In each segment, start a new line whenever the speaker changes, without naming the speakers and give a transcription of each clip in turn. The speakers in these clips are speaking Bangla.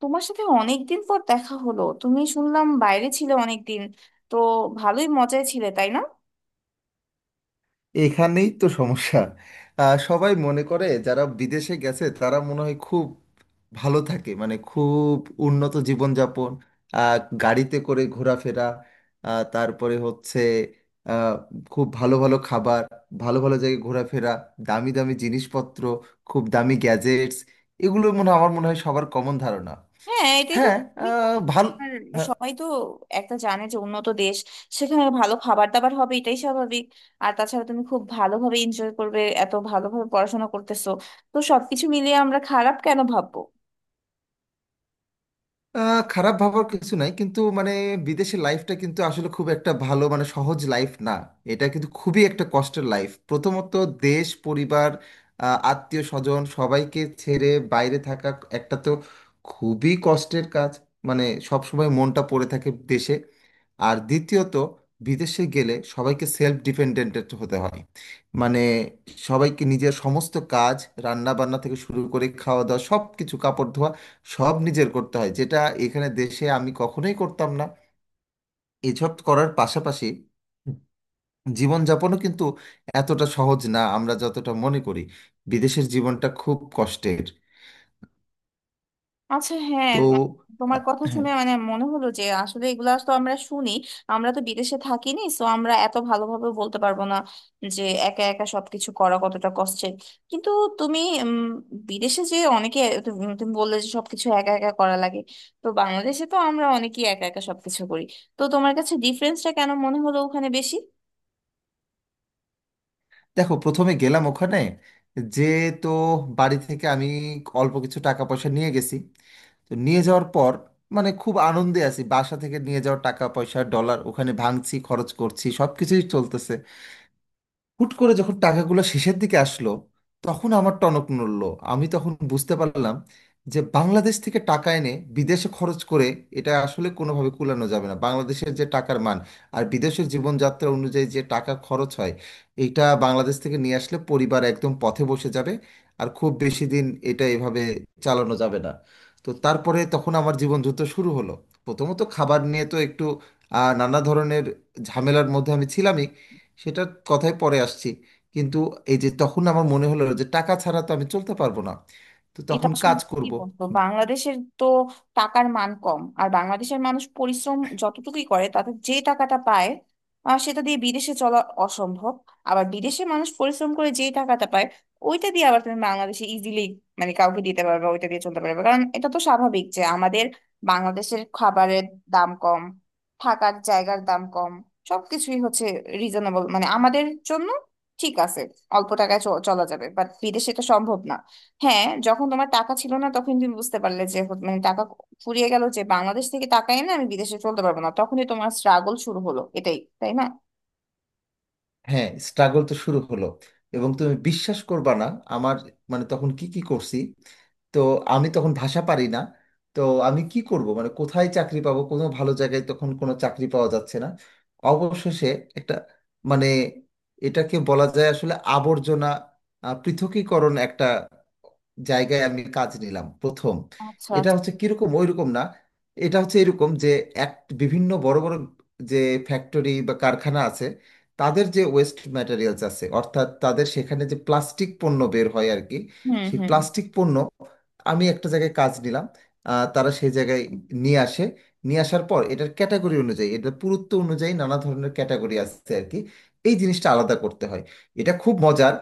তোমার সাথে অনেকদিন পর দেখা হলো। তুমি শুনলাম বাইরে ছিলে অনেকদিন। তো ভালোই মজায় ছিলে, তাই না?
এখানেই তো সমস্যা। সবাই মনে করে যারা বিদেশে গেছে তারা মনে হয় খুব ভালো থাকে, মানে খুব উন্নত জীবনযাপন, আহ, গাড়িতে করে ঘোরাফেরা, তারপরে হচ্ছে আহ, খুব ভালো ভালো খাবার, ভালো ভালো জায়গায় ঘোরাফেরা, দামি দামি জিনিসপত্র, খুব দামি গ্যাজেটস। আমার মনে হয় সবার কমন ধারণা।
হ্যাঁ, এটাই তো
হ্যাঁ, ভালো।
আর সবাই তো একটা জানে যে উন্নত দেশ, সেখানে ভালো খাবার দাবার হবে এটাই স্বাভাবিক। আর তাছাড়া তুমি খুব ভালোভাবে এনজয় করবে, এত ভালোভাবে পড়াশোনা করতেছো। তো সবকিছু মিলিয়ে আমরা খারাপ কেন ভাববো?
খারাপ ভাবার কিছু নাই, কিন্তু মানে বিদেশের লাইফটা কিন্তু আসলে খুব একটা ভালো, মানে সহজ লাইফ না। এটা কিন্তু খুবই একটা কষ্টের লাইফ। প্রথমত দেশ, পরিবার, আত্মীয় স্বজন সবাইকে ছেড়ে বাইরে থাকা একটা তো খুবই কষ্টের কাজ। মানে সব সময় মনটা পড়ে থাকে দেশে। আর দ্বিতীয়ত বিদেশে গেলে সবাইকে সেলফ ডিপেন্ডেন্ট হতে হয়। মানে সবাইকে নিজের সমস্ত কাজ, রান্না বান্না থেকে শুরু করে খাওয়া দাওয়া সব কিছু, কাপড় ধোয়া, সব নিজের করতে হয়, যেটা এখানে দেশে আমি কখনোই করতাম না। এসব করার পাশাপাশি জীবনযাপনও কিন্তু এতটা সহজ না আমরা যতটা মনে করি। বিদেশের জীবনটা খুব কষ্টের।
আচ্ছা,
তো
তোমার
আহ,
কথা
হ্যাঁ,
শুনে মানে মনে হলো যে আসলে এগুলা তো আমরা শুনি। আমরা তো বিদেশে থাকিনি, সো আমরা এত ভালোভাবে বলতে পারবো না যে একা একা সবকিছু করা কতটা কষ্টের। কিন্তু তুমি উম, বিদেশে যে অনেকে, তুমি তুমি বললে যে সবকিছু একা একা করা লাগে। তো বাংলাদেশে তো আমরা অনেকেই একা একা সবকিছু করি। তো তোমার কাছে ডিফারেন্সটা কেন মনে হলো ওখানে বেশি?
দেখো, প্রথমে গেলাম ওখানে যে, তো বাড়ি থেকে আমি অল্প কিছু টাকা পয়সা নিয়ে গেছি। তো নিয়ে যাওয়ার পর মানে খুব আনন্দে আছি, বাসা থেকে নিয়ে যাওয়া টাকা পয়সা ডলার ওখানে ভাঙছি, খরচ করছি, সব কিছুই চলতেছে। হুট করে যখন টাকাগুলো শেষের দিকে আসলো, তখন আমার টনক নড়লো। আমি তখন বুঝতে পারলাম যে বাংলাদেশ থেকে টাকা এনে বিদেশে খরচ করে এটা আসলে কোনোভাবে কুলানো যাবে না। বাংলাদেশের যে টাকার মান আর বিদেশের জীবনযাত্রা অনুযায়ী যে টাকা খরচ হয়, এটা বাংলাদেশ থেকে নিয়ে আসলে পরিবার একদম পথে বসে যাবে। আর খুব বেশি দিন এটা এভাবে চালানো যাবে না। তো তারপরে তখন আমার জীবন যুদ্ধ শুরু হলো। প্রথমত খাবার নিয়ে তো একটু নানা ধরনের ঝামেলার মধ্যে আমি ছিলাম। সেটার কথায় পরে আসছি, কিন্তু এই যে, তখন আমার মনে হলো যে টাকা ছাড়া তো আমি চলতে পারবো না। তো
এটা
তখন
আসলে
কাজ
কি
করব।
বলতো, বাংলাদেশের তো টাকার মান কম, আর বাংলাদেশের মানুষ পরিশ্রম যতটুকুই করে তাতে যে টাকাটা পায় সেটা দিয়ে বিদেশে চলা অসম্ভব। আবার বিদেশে মানুষ পরিশ্রম করে যে টাকাটা পায় ওইটা দিয়ে আবার তুমি বাংলাদেশে ইজিলি মানে কাউকে দিতে পারবে, ওইটা দিয়ে চলতে পারবে, কারণ এটা তো স্বাভাবিক যে আমাদের বাংলাদেশের খাবারের দাম কম, থাকার জায়গার দাম কম, সবকিছুই হচ্ছে রিজনেবল মানে আমাদের জন্য ঠিক আছে। অল্প টাকায় চলা যাবে, বাট বিদেশে এটা সম্ভব না। হ্যাঁ, যখন তোমার টাকা ছিল না তখন তুমি বুঝতে পারলে যে মানে টাকা ফুরিয়ে গেল, যে বাংলাদেশ থেকে টাকা এনে আমি বিদেশে চলতে পারবো না, তখনই তোমার স্ট্রাগল শুরু হলো, এটাই তাই না?
হ্যাঁ, স্ট্রাগল তো শুরু হলো এবং তুমি বিশ্বাস করবা না আমার, মানে তখন কি কি করছি। তো আমি তখন ভাষা পারি না। তো আমি কি করব, মানে কোথায় চাকরি পাবো, কোনো ভালো জায়গায় তখন কোনো চাকরি পাওয়া যাচ্ছে না। অবশেষে একটা, মানে এটাকে বলা যায় আসলে আবর্জনা পৃথকীকরণ একটা জায়গায় আমি কাজ নিলাম প্রথম।
আচ্ছা
এটা
আচ্ছা।
হচ্ছে কিরকম, ওইরকম না, এটা হচ্ছে এরকম যে এক, বিভিন্ন বড় বড় যে ফ্যাক্টরি বা কারখানা আছে, তাদের যে ওয়েস্ট ম্যাটেরিয়ালস আছে, অর্থাৎ তাদের সেখানে যে প্লাস্টিক পণ্য বের হয় আর কি,
হুম
সেই
হুম।
প্লাস্টিক পণ্য, আমি একটা জায়গায় কাজ নিলাম। তারা সেই জায়গায় নিয়ে আসে। নিয়ে আসার পর এটার ক্যাটাগরি অনুযায়ী, এটার পুরুত্ব অনুযায়ী নানা ধরনের ক্যাটাগরি আছে আর কি, এই জিনিসটা আলাদা করতে হয়। এটা খুব মজার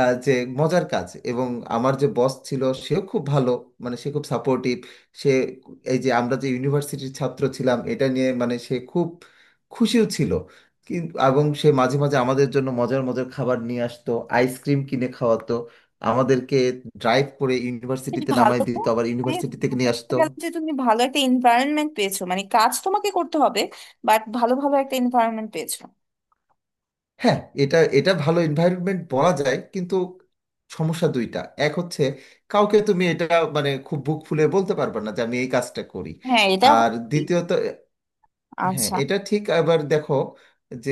যে মজার কাজ, এবং আমার যে বস ছিল সেও খুব ভালো, মানে সে খুব সাপোর্টিভ। সে এই যে আমরা যে ইউনিভার্সিটির ছাত্র ছিলাম এটা নিয়ে, মানে সে খুব খুশিও ছিল। কিন্তু এবং সে মাঝে মাঝে আমাদের জন্য মজার মজার খাবার নিয়ে আসতো, আইসক্রিম কিনে খাওয়াতো আমাদেরকে, ড্রাইভ করে
বেশ
ইউনিভার্সিটিতে
ভালো
নামায়
তো।
দিত, আবার
মানে
ইউনিভার্সিটি থেকে নিয়ে
বলতে
আসতো।
গেলে যে তুমি ভালো একটা এনভায়রনমেন্ট পেয়েছো, মানে কাজ তোমাকে করতে হবে, বাট ভালো ভালো একটা এনভায়রনমেন্ট পেয়েছো।
হ্যাঁ, এটা এটা ভালো এনভায়রনমেন্ট বলা যায়, কিন্তু সমস্যা দুইটা। এক হচ্ছে কাউকে তুমি এটা, মানে খুব বুক ফুলে বলতে পারবে না যে আমি এই কাজটা করি।
হ্যাঁ, এটা
আর
ঠিক।
দ্বিতীয়ত, হ্যাঁ
আচ্ছা।
এটা ঠিক। আবার দেখো যে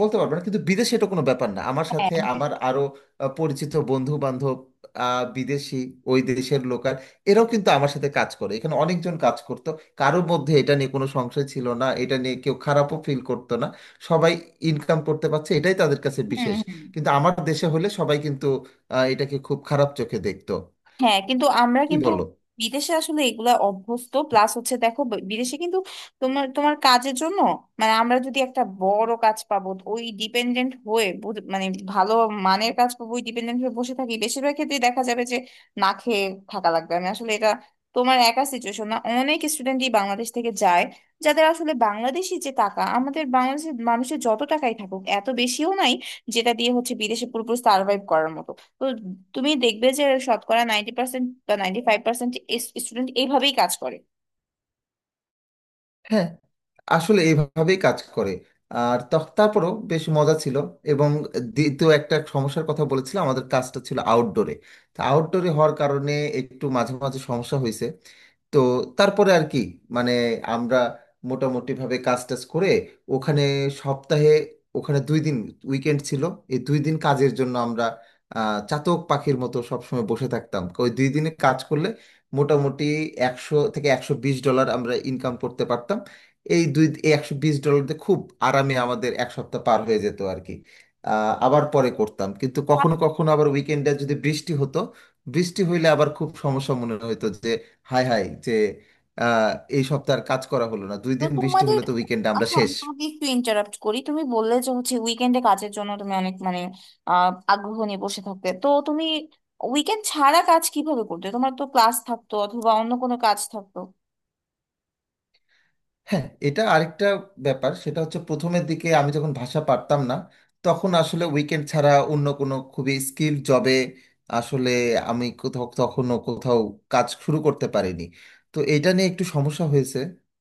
বলতে পারবো না, কিন্তু বিদেশে এটা কোনো ব্যাপার না। আমার
হ্যাঁ
সাথে
হ্যাঁ।
আমার আরো পরিচিত বন্ধু বান্ধব, বিদেশি, ওই দেশের লোকাল, এরাও কিন্তু আমার সাথে কাজ করে, এখানে অনেকজন কাজ করতো। কারোর মধ্যে এটা নিয়ে কোনো সংশয় ছিল না, এটা নিয়ে কেউ খারাপও ফিল করতো না। সবাই ইনকাম করতে পারছে এটাই তাদের কাছে
হুম
বিশেষ।
হুম।
কিন্তু আমার দেশে হলে সবাই কিন্তু এটাকে খুব খারাপ চোখে দেখতো,
হ্যাঁ, কিন্তু আমরা
কি
কিন্তু
বলো।
বিদেশে আসলে এগুলা অভ্যস্ত। প্লাস হচ্ছে, দেখো, বিদেশে কিন্তু তোমার তোমার কাজের জন্য মানে আমরা যদি একটা বড় কাজ পাবো ওই ডিপেন্ডেন্ট হয়ে মানে ভালো মানের কাজ পাবো ওই ডিপেন্ডেন্ট হয়ে বসে থাকি, বেশিরভাগ ক্ষেত্রে দেখা যাবে যে না খেয়ে থাকা লাগবে। আমি আসলে এটা তোমার একা সিচুয়েশন না, অনেক স্টুডেন্টই বাংলাদেশ থেকে যায় যাদের আসলে বাংলাদেশি যে টাকা, আমাদের বাংলাদেশের মানুষের যত টাকাই থাকুক এত বেশিও নাই যেটা দিয়ে হচ্ছে বিদেশে পুরোপুরি সার্ভাইভ করার মতো। তো তুমি দেখবে যে শতকরা 90% বা 95% স্টুডেন্ট এইভাবেই কাজ করে।
হ্যাঁ, আসলে এইভাবেই কাজ করে। তারপরও বেশ মজা ছিল এবং দ্বিতীয় একটা সমস্যার কথা বলেছিলাম, আমাদের কাজটা ছিল আউটডোরে। তা আউটডোরে হওয়ার কারণে একটু মাঝে মাঝে সমস্যা হয়েছে। তো তারপরে আর কি, মানে আমরা মোটামুটি ভাবে কাজ টাজ করে ওখানে সপ্তাহে, ওখানে 2 দিন উইকেন্ড ছিল। এই 2 দিন কাজের জন্য আমরা চাতক পাখির মতো সবসময় বসে থাকতাম। ওই 2 দিনে কাজ করলে মোটামুটি 100 থেকে 120 ডলার আমরা ইনকাম করতে পারতাম। এই দুই, 120 ডলার দিয়ে খুব আরামে আমাদের এক সপ্তাহ পার হয়ে যেত আর কি। আবার পরে করতাম, কিন্তু কখনো কখনো আবার উইকেন্ডে যদি বৃষ্টি হতো, বৃষ্টি হইলে আবার খুব সমস্যা মনে হতো যে, হাই হাই যে আহ, এই সপ্তাহ আর কাজ করা হলো না, দুই
তো
দিন বৃষ্টি
তোমাদের,
হলে তো উইকেন্ডে আমরা
আচ্ছা,
শেষ।
আমি তোমাকে একটু ইন্টারাপ্ট করি। তুমি বললে যে হচ্ছে উইকেন্ডে কাজের জন্য তুমি অনেক মানে আগ্রহ নিয়ে বসে থাকতে। তো তুমি উইকেন্ড ছাড়া কাজ কিভাবে করতে? তোমার তো ক্লাস থাকতো অথবা অন্য কোনো কাজ থাকতো।
হ্যাঁ, এটা আরেকটা ব্যাপার। সেটা হচ্ছে প্রথমের দিকে আমি যখন ভাষা পারতাম না, তখন আসলে উইকেন্ড ছাড়া অন্য কোনো খুবই স্কিল জবে আসলে আমি কোথাও, তখনও কোথাও কাজ শুরু করতে পারিনি। তো এটা নিয়ে একটু সমস্যা হয়েছে।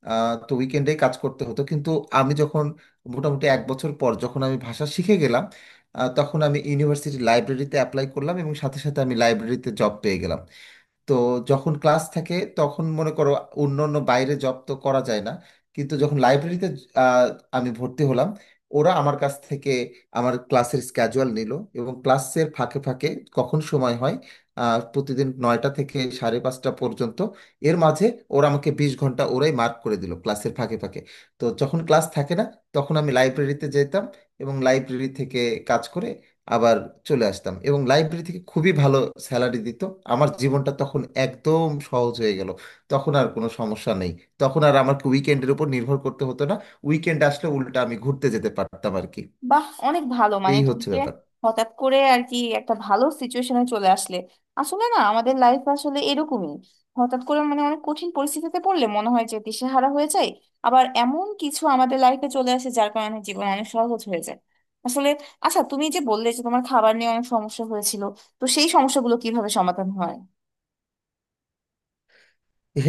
তো উইকেন্ডে কাজ করতে হতো, কিন্তু আমি যখন মোটামুটি এক বছর পর যখন আমি ভাষা শিখে গেলাম, তখন আমি ইউনিভার্সিটি লাইব্রেরিতে অ্যাপ্লাই করলাম এবং সাথে সাথে আমি লাইব্রেরিতে জব পেয়ে গেলাম। তো যখন ক্লাস থাকে তখন মনে করো অন্য অন্য বাইরে জব তো করা যায় না। কিন্তু যখন লাইব্রেরিতে আহ, আমি ভর্তি হলাম, ওরা আমার কাছ থেকে আমার ক্লাসের স্ক্যাজুয়াল নিল এবং ক্লাসের ফাঁকে ফাঁকে কখন সময় হয়, প্রতিদিন 9টা থেকে সাড়ে 5টা পর্যন্ত এর মাঝে ওরা আমাকে 20 ঘন্টা ওরাই মার্ক করে দিল ক্লাসের ফাঁকে ফাঁকে। তো যখন ক্লাস থাকে না তখন আমি লাইব্রেরিতে যেতাম এবং লাইব্রেরি থেকে কাজ করে আবার চলে আসতাম। এবং লাইব্রেরি থেকে খুবই ভালো স্যালারি দিত। আমার জীবনটা তখন একদম সহজ হয়ে গেল, তখন আর কোনো সমস্যা নেই। তখন আর আমাকে উইকেন্ডের উপর নির্ভর করতে হতো না, উইকেন্ড আসলে উল্টা আমি ঘুরতে যেতে পারতাম আর কি।
বাহ, অনেক ভালো। মানে
এই হচ্ছে
তুমিকে
ব্যাপার।
হঠাৎ করে আর কি একটা ভালো সিচুয়েশনে চলে আসলে। আসলে না, আমাদের লাইফ আসলে এরকমই। হঠাৎ করে মানে অনেক কঠিন পরিস্থিতিতে পড়লে মনে হয় যে দিশেহারা হয়ে যায়, আবার এমন কিছু আমাদের লাইফে চলে আসে যার কারণে জীবন অনেক সহজ হয়ে যায় আসলে। আচ্ছা, তুমি যে বললে যে তোমার খাবার নিয়ে অনেক সমস্যা হয়েছিল, তো সেই সমস্যাগুলো কিভাবে সমাধান হয়?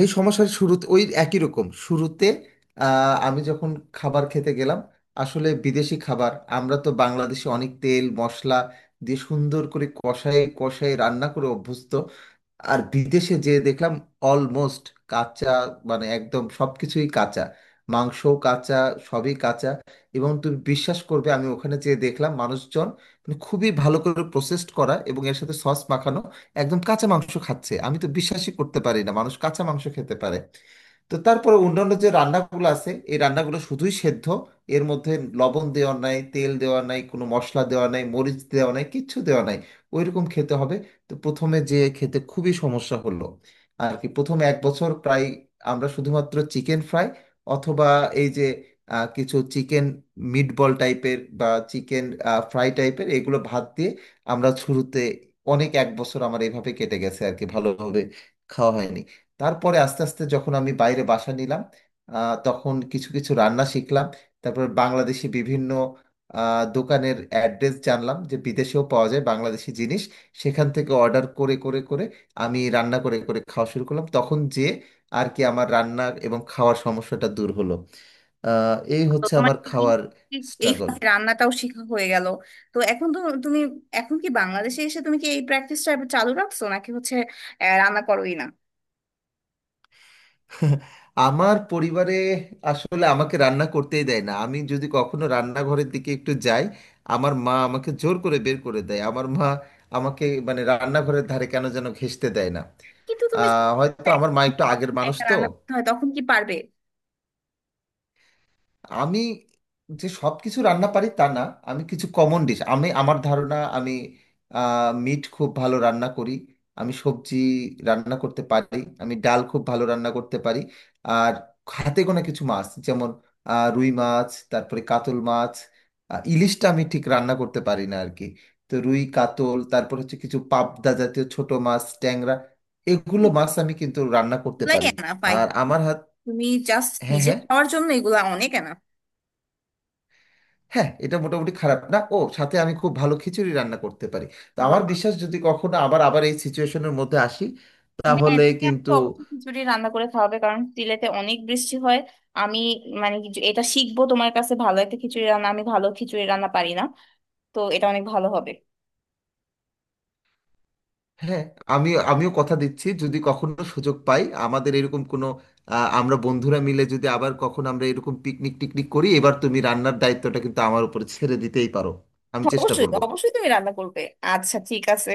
এই সমস্যার শুরুতে ওই একই রকম শুরুতে আমি যখন খাবার খেতে গেলাম, আসলে বিদেশি খাবার, আমরা তো বাংলাদেশে অনেক তেল মশলা দিয়ে সুন্দর করে কষায় কষায় রান্না করে অভ্যস্ত। আর বিদেশে যে দেখলাম অলমোস্ট কাঁচা, মানে একদম সবকিছুই কাঁচা, মাংসও কাঁচা, সবই কাঁচা। এবং তুমি বিশ্বাস করবে আমি ওখানে যেয়ে দেখলাম মানুষজন, মানে খুবই ভালো করে প্রসেসড করা এবং এর সাথে সস মাখানো একদম কাঁচা মাংস খাচ্ছে। আমি তো বিশ্বাসই করতে পারি না মানুষ কাঁচা মাংস খেতে পারে। তো তারপরে অন্যান্য যে রান্নাগুলো আছে, এই রান্নাগুলো শুধুই সেদ্ধ। এর মধ্যে লবণ দেওয়া নাই, তেল দেওয়া নাই, কোনো মশলা দেওয়া নাই, মরিচ দেওয়া নাই, কিচ্ছু দেওয়া নাই, ওইরকম খেতে হবে। তো প্রথমে যে খেতে খুবই সমস্যা হলো আর কি। প্রথমে এক বছর প্রায় আমরা শুধুমাত্র চিকেন ফ্রাই অথবা এই যে কিছু চিকেন মিটবল টাইপের বা চিকেন ফ্রাই টাইপের এগুলো ভাত দিয়ে আমরা শুরুতে, অনেক এক বছর আমার এইভাবে কেটে গেছে আর কি, ভালোভাবে খাওয়া হয়নি। তারপরে আস্তে আস্তে যখন আমি বাইরে বাসা নিলাম, তখন কিছু কিছু রান্না শিখলাম। তারপর বাংলাদেশি বিভিন্ন দোকানের অ্যাড্রেস জানলাম যে বিদেশেও পাওয়া যায় বাংলাদেশি জিনিস। সেখান থেকে অর্ডার করে করে করে আমি রান্না করে করে খাওয়া শুরু করলাম তখন যে আর কি, আমার রান্না এবং খাওয়ার সমস্যাটা দূর হলো। এই
তো
হচ্ছে
তোমার
আমার
কি কি-
খাওয়ার
কি- এই
স্ট্রাগল।
ফাঁকে রান্নাটাও শেখা হয়ে গেল। তো এখন তো তুমি এখন কি বাংলাদেশে এসে তুমি কি এই প্র্যাকটিসটা চালু রাখছো, নাকি হচ্ছে রান্না করোই না?
আমার পরিবারে আসলে আমাকে রান্না করতেই দেয় না। আমি যদি কখনো রান্নাঘরের দিকে একটু যাই, আমার মা আমাকে জোর করে বের করে দেয়। আমার মা আমাকে মানে রান্নাঘরের ধারে কেন যেন ঘেঁষতে দেয় না।
কিন্তু তুমি যদি
হয়তো আমার মা একটু আগের মানুষ
একা
তো।
রান্না করতে হয় তখন কি পারবে?
আমি যে সব কিছু রান্না পারি তা না, আমি কিছু কমন ডিশ, আমি আমার ধারণা আমি মিট খুব ভালো রান্না করি, আমি সবজি রান্না করতে পারি, আমি ডাল খুব ভালো রান্না করতে পারি। আর হাতে গোনা কিছু মাছ, যেমন রুই মাছ, তারপরে কাতল মাছ, ইলিশটা আমি ঠিক রান্না করতে পারি না আর কি। তো রুই, কাতল, তারপর হচ্ছে কিছু পাবদা জাতীয় ছোট মাছ, ট্যাংরা, এগুলো মাছ আমি কিন্তু রান্না করতে
এগুলাই
পারি।
এনাফ। আই,
আর আমার হাত,
তুমি জাস্ট
হ্যাঁ
নিজে
হ্যাঁ,
খাওয়ার জন্য এগুলা অনেক এনাফ।
হ্যাঁ এটা মোটামুটি খারাপ না। ও সাথে আমি খুব ভালো খিচুড়ি রান্না করতে পারি। তো আমার
ওয়াও!
বিশ্বাস যদি কখনো আবার আবার এই সিচুয়েশনের মধ্যে আসি,
হ্যাঁ,
তাহলে
তুমি আমাকে
কিন্তু,
অবশ্যই খিচুড়ি রান্না করে খাওয়াবে, কারণ সিলেটে অনেক বৃষ্টি হয়। আমি মানে এটা শিখবো তোমার কাছে, ভালো একটা খিচুড়ি রান্না, আমি ভালো খিচুড়ি রান্না পারি না। তো এটা অনেক ভালো হবে।
হ্যাঁ। আমি, আমিও কথা দিচ্ছি যদি কখনো সুযোগ পাই, আমাদের এরকম কোনো আমরা বন্ধুরা মিলে যদি আবার কখনো আমরা এরকম পিকনিক টিকনিক করি, এবার তুমি রান্নার দায়িত্বটা কিন্তু আমার উপরে ছেড়ে দিতেই পারো। আমি চেষ্টা
অবশ্যই
করব।
অবশ্যই তুমি রান্না করবে। আচ্ছা, ঠিক আছে।